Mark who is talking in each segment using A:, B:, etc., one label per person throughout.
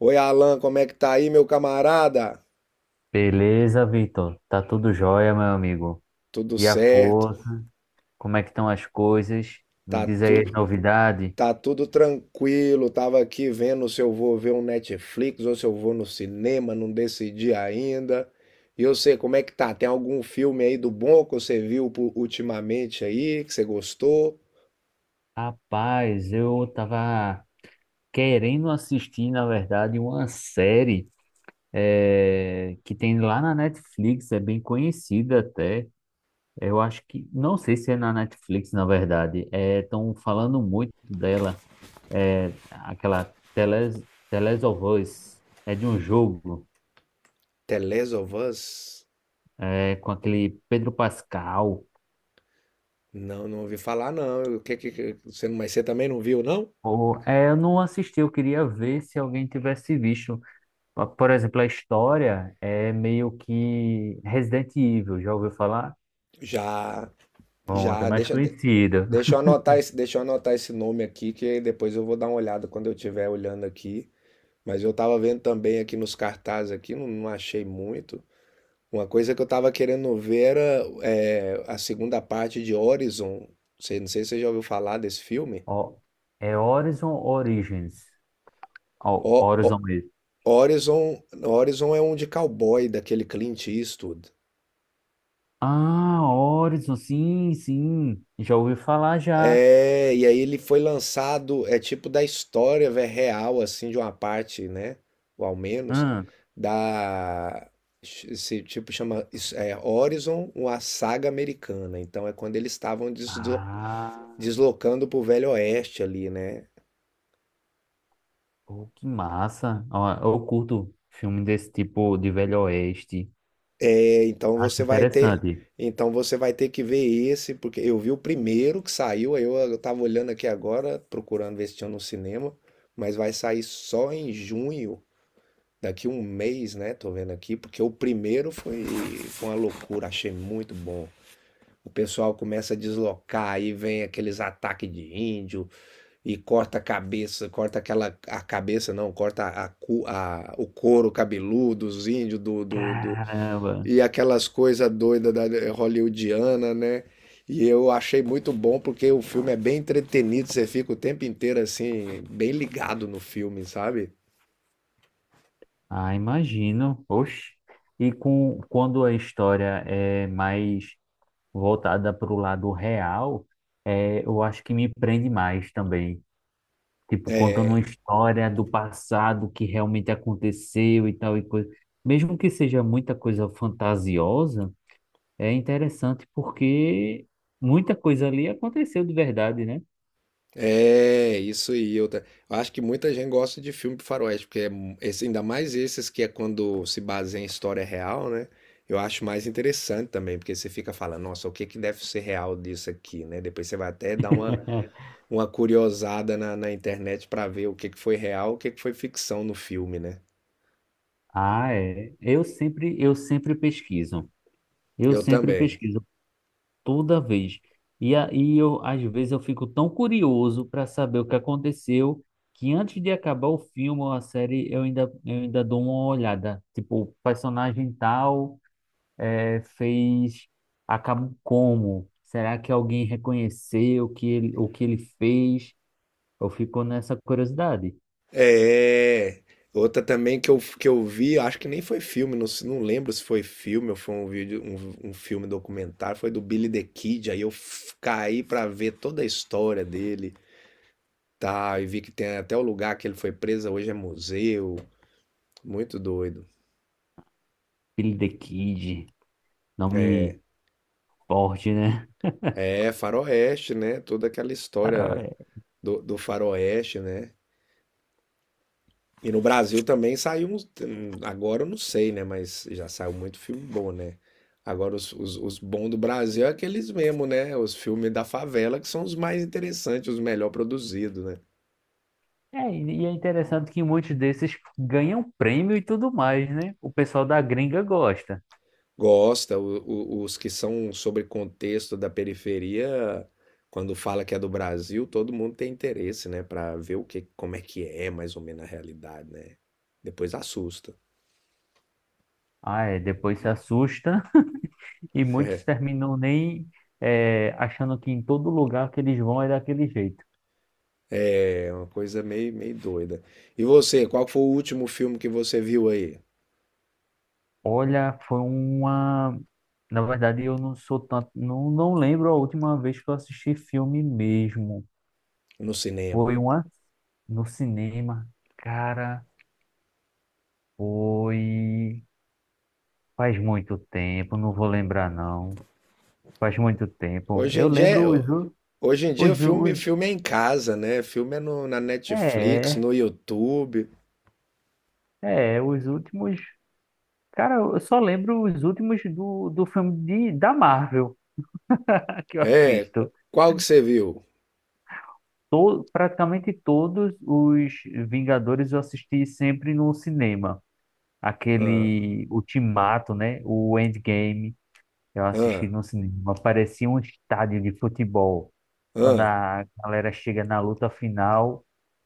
A: Oi, Alan, como é que tá aí, meu camarada?
B: Beleza, Vitor? Tá tudo jóia, meu amigo.
A: Tudo
B: E a
A: certo?
B: força? Como é que estão as coisas? Me
A: Tá
B: diz aí as
A: tudo,
B: novidades.
A: tá tudo tranquilo. Tava aqui vendo se eu vou ver um Netflix ou se eu vou no cinema, não decidi ainda. E eu sei como é que tá? Tem algum filme aí do bom que você viu ultimamente aí, que você gostou?
B: Rapaz, eu tava querendo assistir, na verdade, uma série que tem lá na Netflix, é bem conhecida até. Eu acho que, não sei se é na Netflix, na verdade. Estão falando muito dela, é, aquela Teles, Teles of Us. É de um jogo,
A: The Last of Us?
B: é, com aquele Pedro Pascal.
A: Não, não ouvi falar não. O que você, mas você também não viu, não?
B: Ou, é, eu não assisti, eu queria ver se alguém tivesse visto. Por exemplo, a história é meio que Resident Evil, já ouviu falar?
A: Já.
B: Bom, até
A: Já,
B: mais conhecido.
A: deixa eu anotar esse, deixa eu anotar esse nome aqui, que aí depois eu vou dar uma olhada quando eu estiver olhando aqui. Mas eu tava vendo também aqui nos cartazes aqui, não, não achei muito. Uma coisa que eu tava querendo ver era a segunda parte de Horizon. Você, não sei se você já ouviu falar desse filme.
B: Ó, é Horizon Origins. Ó,
A: O, o-
B: Horizon mesmo.
A: Horizon, Horizon é um de cowboy, daquele Clint Eastwood.
B: Ah, Horizon, sim, sim. Já ouvi falar já.
A: É, e aí ele foi lançado, é tipo da história, velho, real, assim, de uma parte, né? Ou ao menos,
B: Hum.
A: da. Esse tipo chama isso Horizon, uma saga americana. Então é quando eles estavam
B: Ah,
A: deslocando pro Velho Oeste ali, né?
B: pô, que massa. Ó, eu curto filme desse tipo de Velho Oeste.
A: É, então
B: Acho
A: você vai ter.
B: interessante.
A: Então você vai ter que ver esse, porque eu vi o primeiro que saiu, aí eu tava olhando aqui agora, procurando ver se tinha no cinema, mas vai sair só em junho. Daqui um mês, né? Tô vendo aqui, porque o primeiro foi, foi uma loucura, achei muito bom. O pessoal começa a deslocar, aí vem aqueles ataques de índio e corta a cabeça, corta aquela a cabeça não, corta o couro cabeludo dos índios
B: Caramba.
A: e aquelas coisas doidas da hollywoodiana, né? E eu achei muito bom porque o filme é bem entretenido, você fica o tempo inteiro assim, bem ligado no filme, sabe?
B: Ah, imagino. Oxe. Quando a história é mais voltada para o lado real, é, eu acho que me prende mais também. Tipo, contando uma história do passado que realmente aconteceu e tal e coisa. Mesmo que seja muita coisa fantasiosa, é interessante porque muita coisa ali aconteceu de verdade, né?
A: É, isso aí. Eu acho que muita gente gosta de filme faroeste, porque esse, ainda mais esses que é quando se baseia em história real, né? Eu acho mais interessante também, porque você fica falando, nossa, o que que deve ser real disso aqui, né? Depois você vai até dar uma curiosada na internet pra ver o que que foi real, o que que foi ficção no filme, né?
B: Ah, é. Eu sempre pesquiso. Eu
A: Eu
B: sempre
A: também.
B: pesquiso. Toda vez. E aí eu às vezes eu fico tão curioso para saber o que aconteceu que antes de acabar o filme ou a série eu ainda dou uma olhada, tipo, o personagem tal fez, acabou como? Será que alguém reconheceu o que ele fez? Eu fico nessa curiosidade.
A: É, outra também que eu vi, acho que nem foi filme, não, não lembro se foi filme ou foi um vídeo, um filme documentário, foi do Billy the Kid, aí eu caí pra ver toda a história dele, tá, e vi que tem até o lugar que ele foi preso, hoje é museu, muito doido.
B: Billy the Kid, nome forte, né?
A: É, Faroeste, né, toda aquela história
B: Cara,
A: do Faroeste, né, e no Brasil também saiu uns. Agora eu não sei, né? Mas já saiu muito filme bom, né? Agora os bons do Brasil é aqueles mesmo, né? Os filmes da favela que são os mais interessantes, os melhor produzidos, né?
B: é, e é interessante que muitos desses ganham prêmio e tudo mais, né? O pessoal da gringa gosta.
A: Gosta, os que são sobre contexto da periferia, quando fala que é do Brasil, todo mundo tem interesse, né? Pra ver o que, como é que é mais ou menos a realidade, né? Depois assusta.
B: Ah, é, depois se assusta. E muitos terminam nem é, achando que em todo lugar que eles vão é daquele jeito.
A: É uma coisa meio, meio doida. E você, qual foi o último filme que você viu aí?
B: Olha, foi uma. Na verdade, eu não sou tanto. Não, não lembro a última vez que eu assisti filme mesmo.
A: No cinema.
B: Foi uma no cinema. Cara, foi. Faz muito tempo, não vou lembrar não. Faz muito tempo.
A: Hoje
B: Eu
A: em dia,
B: lembro os, u-
A: hoje em dia o
B: os,
A: filme,
B: os,
A: filme é em casa, né? Filme é no, na Netflix,
B: é,
A: no YouTube.
B: é, os últimos. Cara, eu só lembro os últimos do filme de, da Marvel que eu
A: É,
B: assisto.
A: qual que você viu?
B: Praticamente todos os Vingadores eu assisti sempre no cinema.
A: Ah,
B: Aquele Ultimato, né? O Endgame, eu assisti
A: ah,
B: no cinema. Parecia um estádio de futebol. Quando
A: ah.
B: a galera chega na luta final.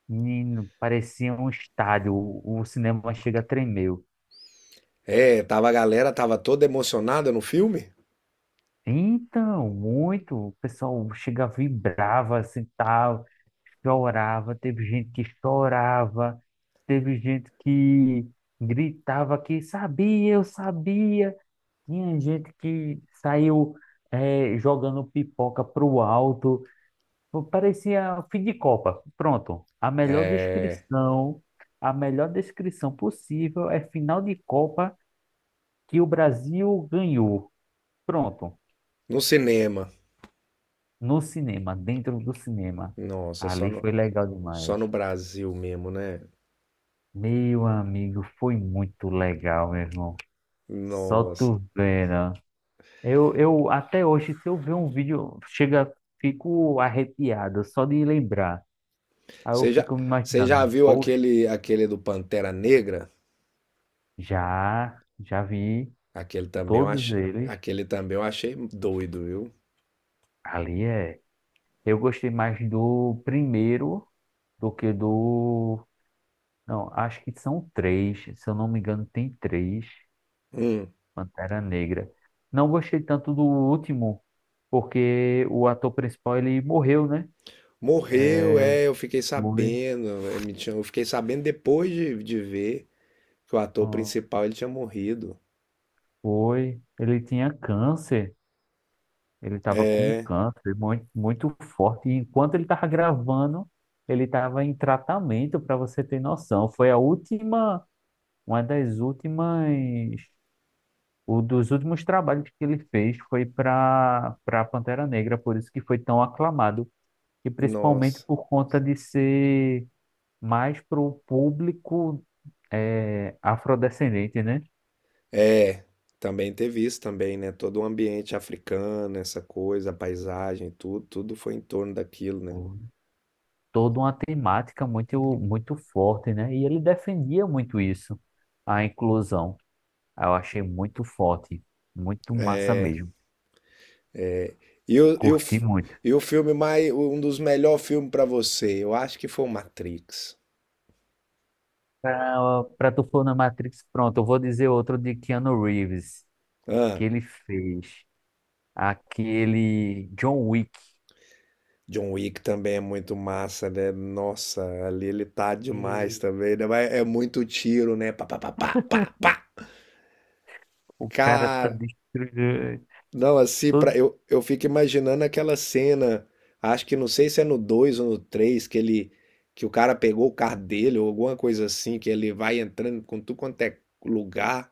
B: Menino, parecia um estádio, o cinema chega a tremer.
A: É, tava a galera tava toda emocionada no filme?
B: Então, muito, o pessoal chega, vibrava, assim, tal, chorava, teve gente que chorava, teve gente que gritava que sabia, eu sabia, tinha gente que saiu jogando pipoca pro alto. Pô, parecia fim de Copa. Pronto, a melhor descrição possível é final de Copa que o Brasil ganhou. Pronto,
A: No cinema.
B: no cinema, dentro do cinema.
A: Nossa,
B: Ali foi legal
A: só
B: demais.
A: no Brasil mesmo, né?
B: Meu amigo, foi muito legal, meu irmão. Só
A: Nossa.
B: tu vendo. Eu até hoje, se eu ver um vídeo, chega, fico arrepiado só de lembrar. Aí eu
A: Você já,
B: fico me
A: você já
B: imaginando,
A: viu
B: poxa,
A: aquele aquele do Pantera Negra?
B: já, já vi
A: Aquele também eu
B: todos
A: achei,
B: eles.
A: aquele também eu achei doido, viu?
B: Ali é. Eu gostei mais do primeiro do que do. Não, acho que são três. Se eu não me engano, tem três
A: Hum.
B: Pantera Negra. Não gostei tanto do último, porque o ator principal ele morreu, né?
A: Morreu, é, eu fiquei
B: Foi.
A: sabendo, eu fiquei sabendo depois de ver que o ator
B: Ah,
A: principal ele tinha morrido.
B: foi. Ele tinha câncer. Ele estava com câncer muito, muito forte. E enquanto ele estava gravando, ele estava em tratamento, para você ter noção. Foi a última, uma das últimas. O dos últimos trabalhos que ele fez foi para Pantera Negra, por isso que foi tão aclamado, e principalmente
A: Nossa.
B: por conta de ser mais para o público afrodescendente, né?
A: É, também teve isso também, né? Todo o ambiente africano, essa coisa, a paisagem, tudo, tudo foi em torno daquilo, né?
B: Uhum. Toda uma temática muito, muito forte, né? E ele defendia muito isso, a inclusão. Eu achei muito forte, muito massa mesmo.
A: E o, e o,
B: Curti
A: f-
B: muito.
A: e o filme mais, um dos melhores filmes pra você, eu acho que foi o Matrix.
B: Para tu for na Matrix, pronto, eu vou dizer outro de Keanu Reeves, que
A: Ah,
B: ele fez. Aquele John Wick.
A: John Wick também é muito massa, né? Nossa, ali ele tá demais
B: E
A: também, né? Mas é muito tiro, né? Pá, pá, pá, pá, pá, pá.
B: o cara tá
A: Cara,
B: destruindo
A: não, assim,
B: todo
A: pra, eu fico imaginando aquela cena, acho que não sei se é no 2 ou no 3 que ele, que o cara pegou o carro dele ou alguma coisa assim, que ele vai entrando com tudo quanto é lugar,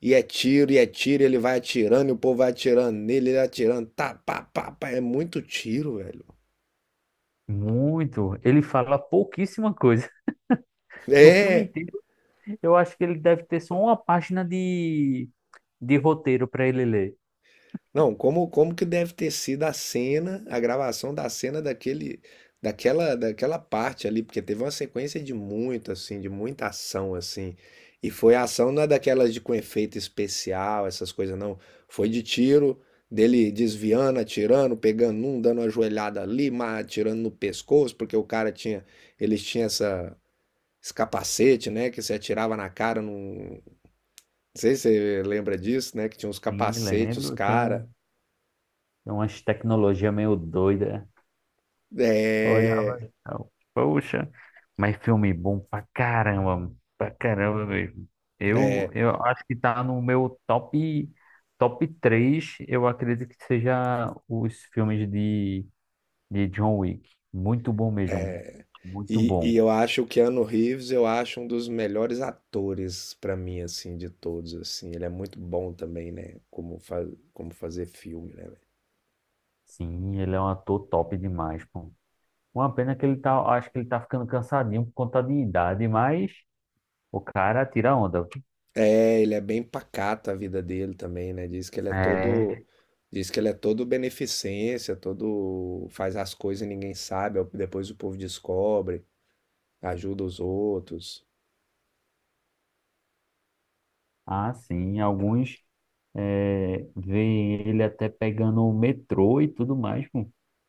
A: e é tiro, e é tiro, e ele vai atirando, e o povo vai atirando nele, ele atirando, tá, pá, pá, pá, é muito tiro, velho.
B: muito. Ele fala pouquíssima coisa. No filme
A: É.
B: inteiro, eu acho que ele deve ter só uma página de roteiro para ele ler.
A: Não, como que deve ter sido a cena, a gravação da cena daquele daquela parte ali, porque teve uma sequência de muito assim, de muita ação assim. E foi ação não é daquelas de com efeito especial, essas coisas não. Foi de tiro, dele desviando, atirando, pegando um, dando uma joelhada ali, mas atirando no pescoço, porque o cara tinha, eles tinham essa esse capacete, né, que se atirava na cara, não, não sei se você lembra disso, né, que tinha uns
B: Sim,
A: capacetes, os
B: lembro. Tem
A: cara.
B: um, tem umas tecnologia meio doida. Olhava,
A: É,
B: então, poxa, mas filme bom pra caramba mesmo. Eu acho que tá no meu top, top 3. Eu acredito que seja os filmes de John Wick. Muito bom mesmo, muito
A: e
B: bom.
A: eu acho o Keanu Reeves, eu acho um dos melhores atores pra mim, assim, de todos, assim. Ele é muito bom também, né? Como fazer filme, né?
B: Sim, ele é um ator top demais, pô. Uma pena que ele tá, acho que ele tá ficando cansadinho por conta de idade, mas o cara tira onda.
A: É, ele é bem pacato a vida dele também, né? Diz que ele é todo,
B: É.
A: diz que ele é todo beneficência, todo faz as coisas e ninguém sabe, depois o povo descobre, ajuda os outros.
B: Ah, sim, alguns veem ele até pegando o metrô e tudo mais, pô.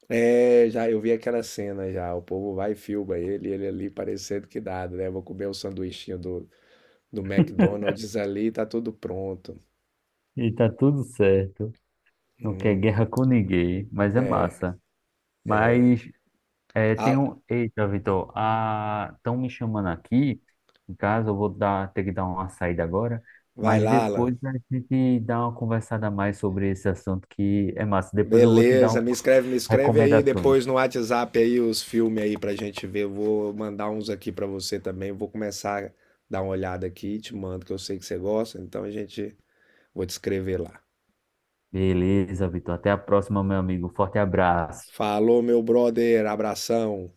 A: É, já eu vi aquela cena já, o povo vai e filma ele, e ele ali parecendo que nada, né? Vou comer o sanduichinho do McDonald's ali, tá tudo pronto.
B: E tá tudo certo. Não quer guerra com ninguém, mas é massa. Mas é tem
A: Ah,
B: um. Eita, Vitor, estão me chamando aqui. Em casa, eu vou dar, ter que dar uma saída agora.
A: vai
B: Mas
A: lá, Alan.
B: depois a gente dá uma conversada a mais sobre esse assunto que é massa. Depois eu vou te dar um-
A: Beleza, me escreve aí
B: recomendações.
A: depois no WhatsApp aí os filmes aí pra gente ver. Eu vou mandar uns aqui pra você também. Vou começar a dar uma olhada aqui, te mando que eu sei que você gosta, então a gente vou te escrever lá.
B: Beleza, Vitor. Até a próxima, meu amigo. Forte abraço.
A: Falou, meu brother, abração.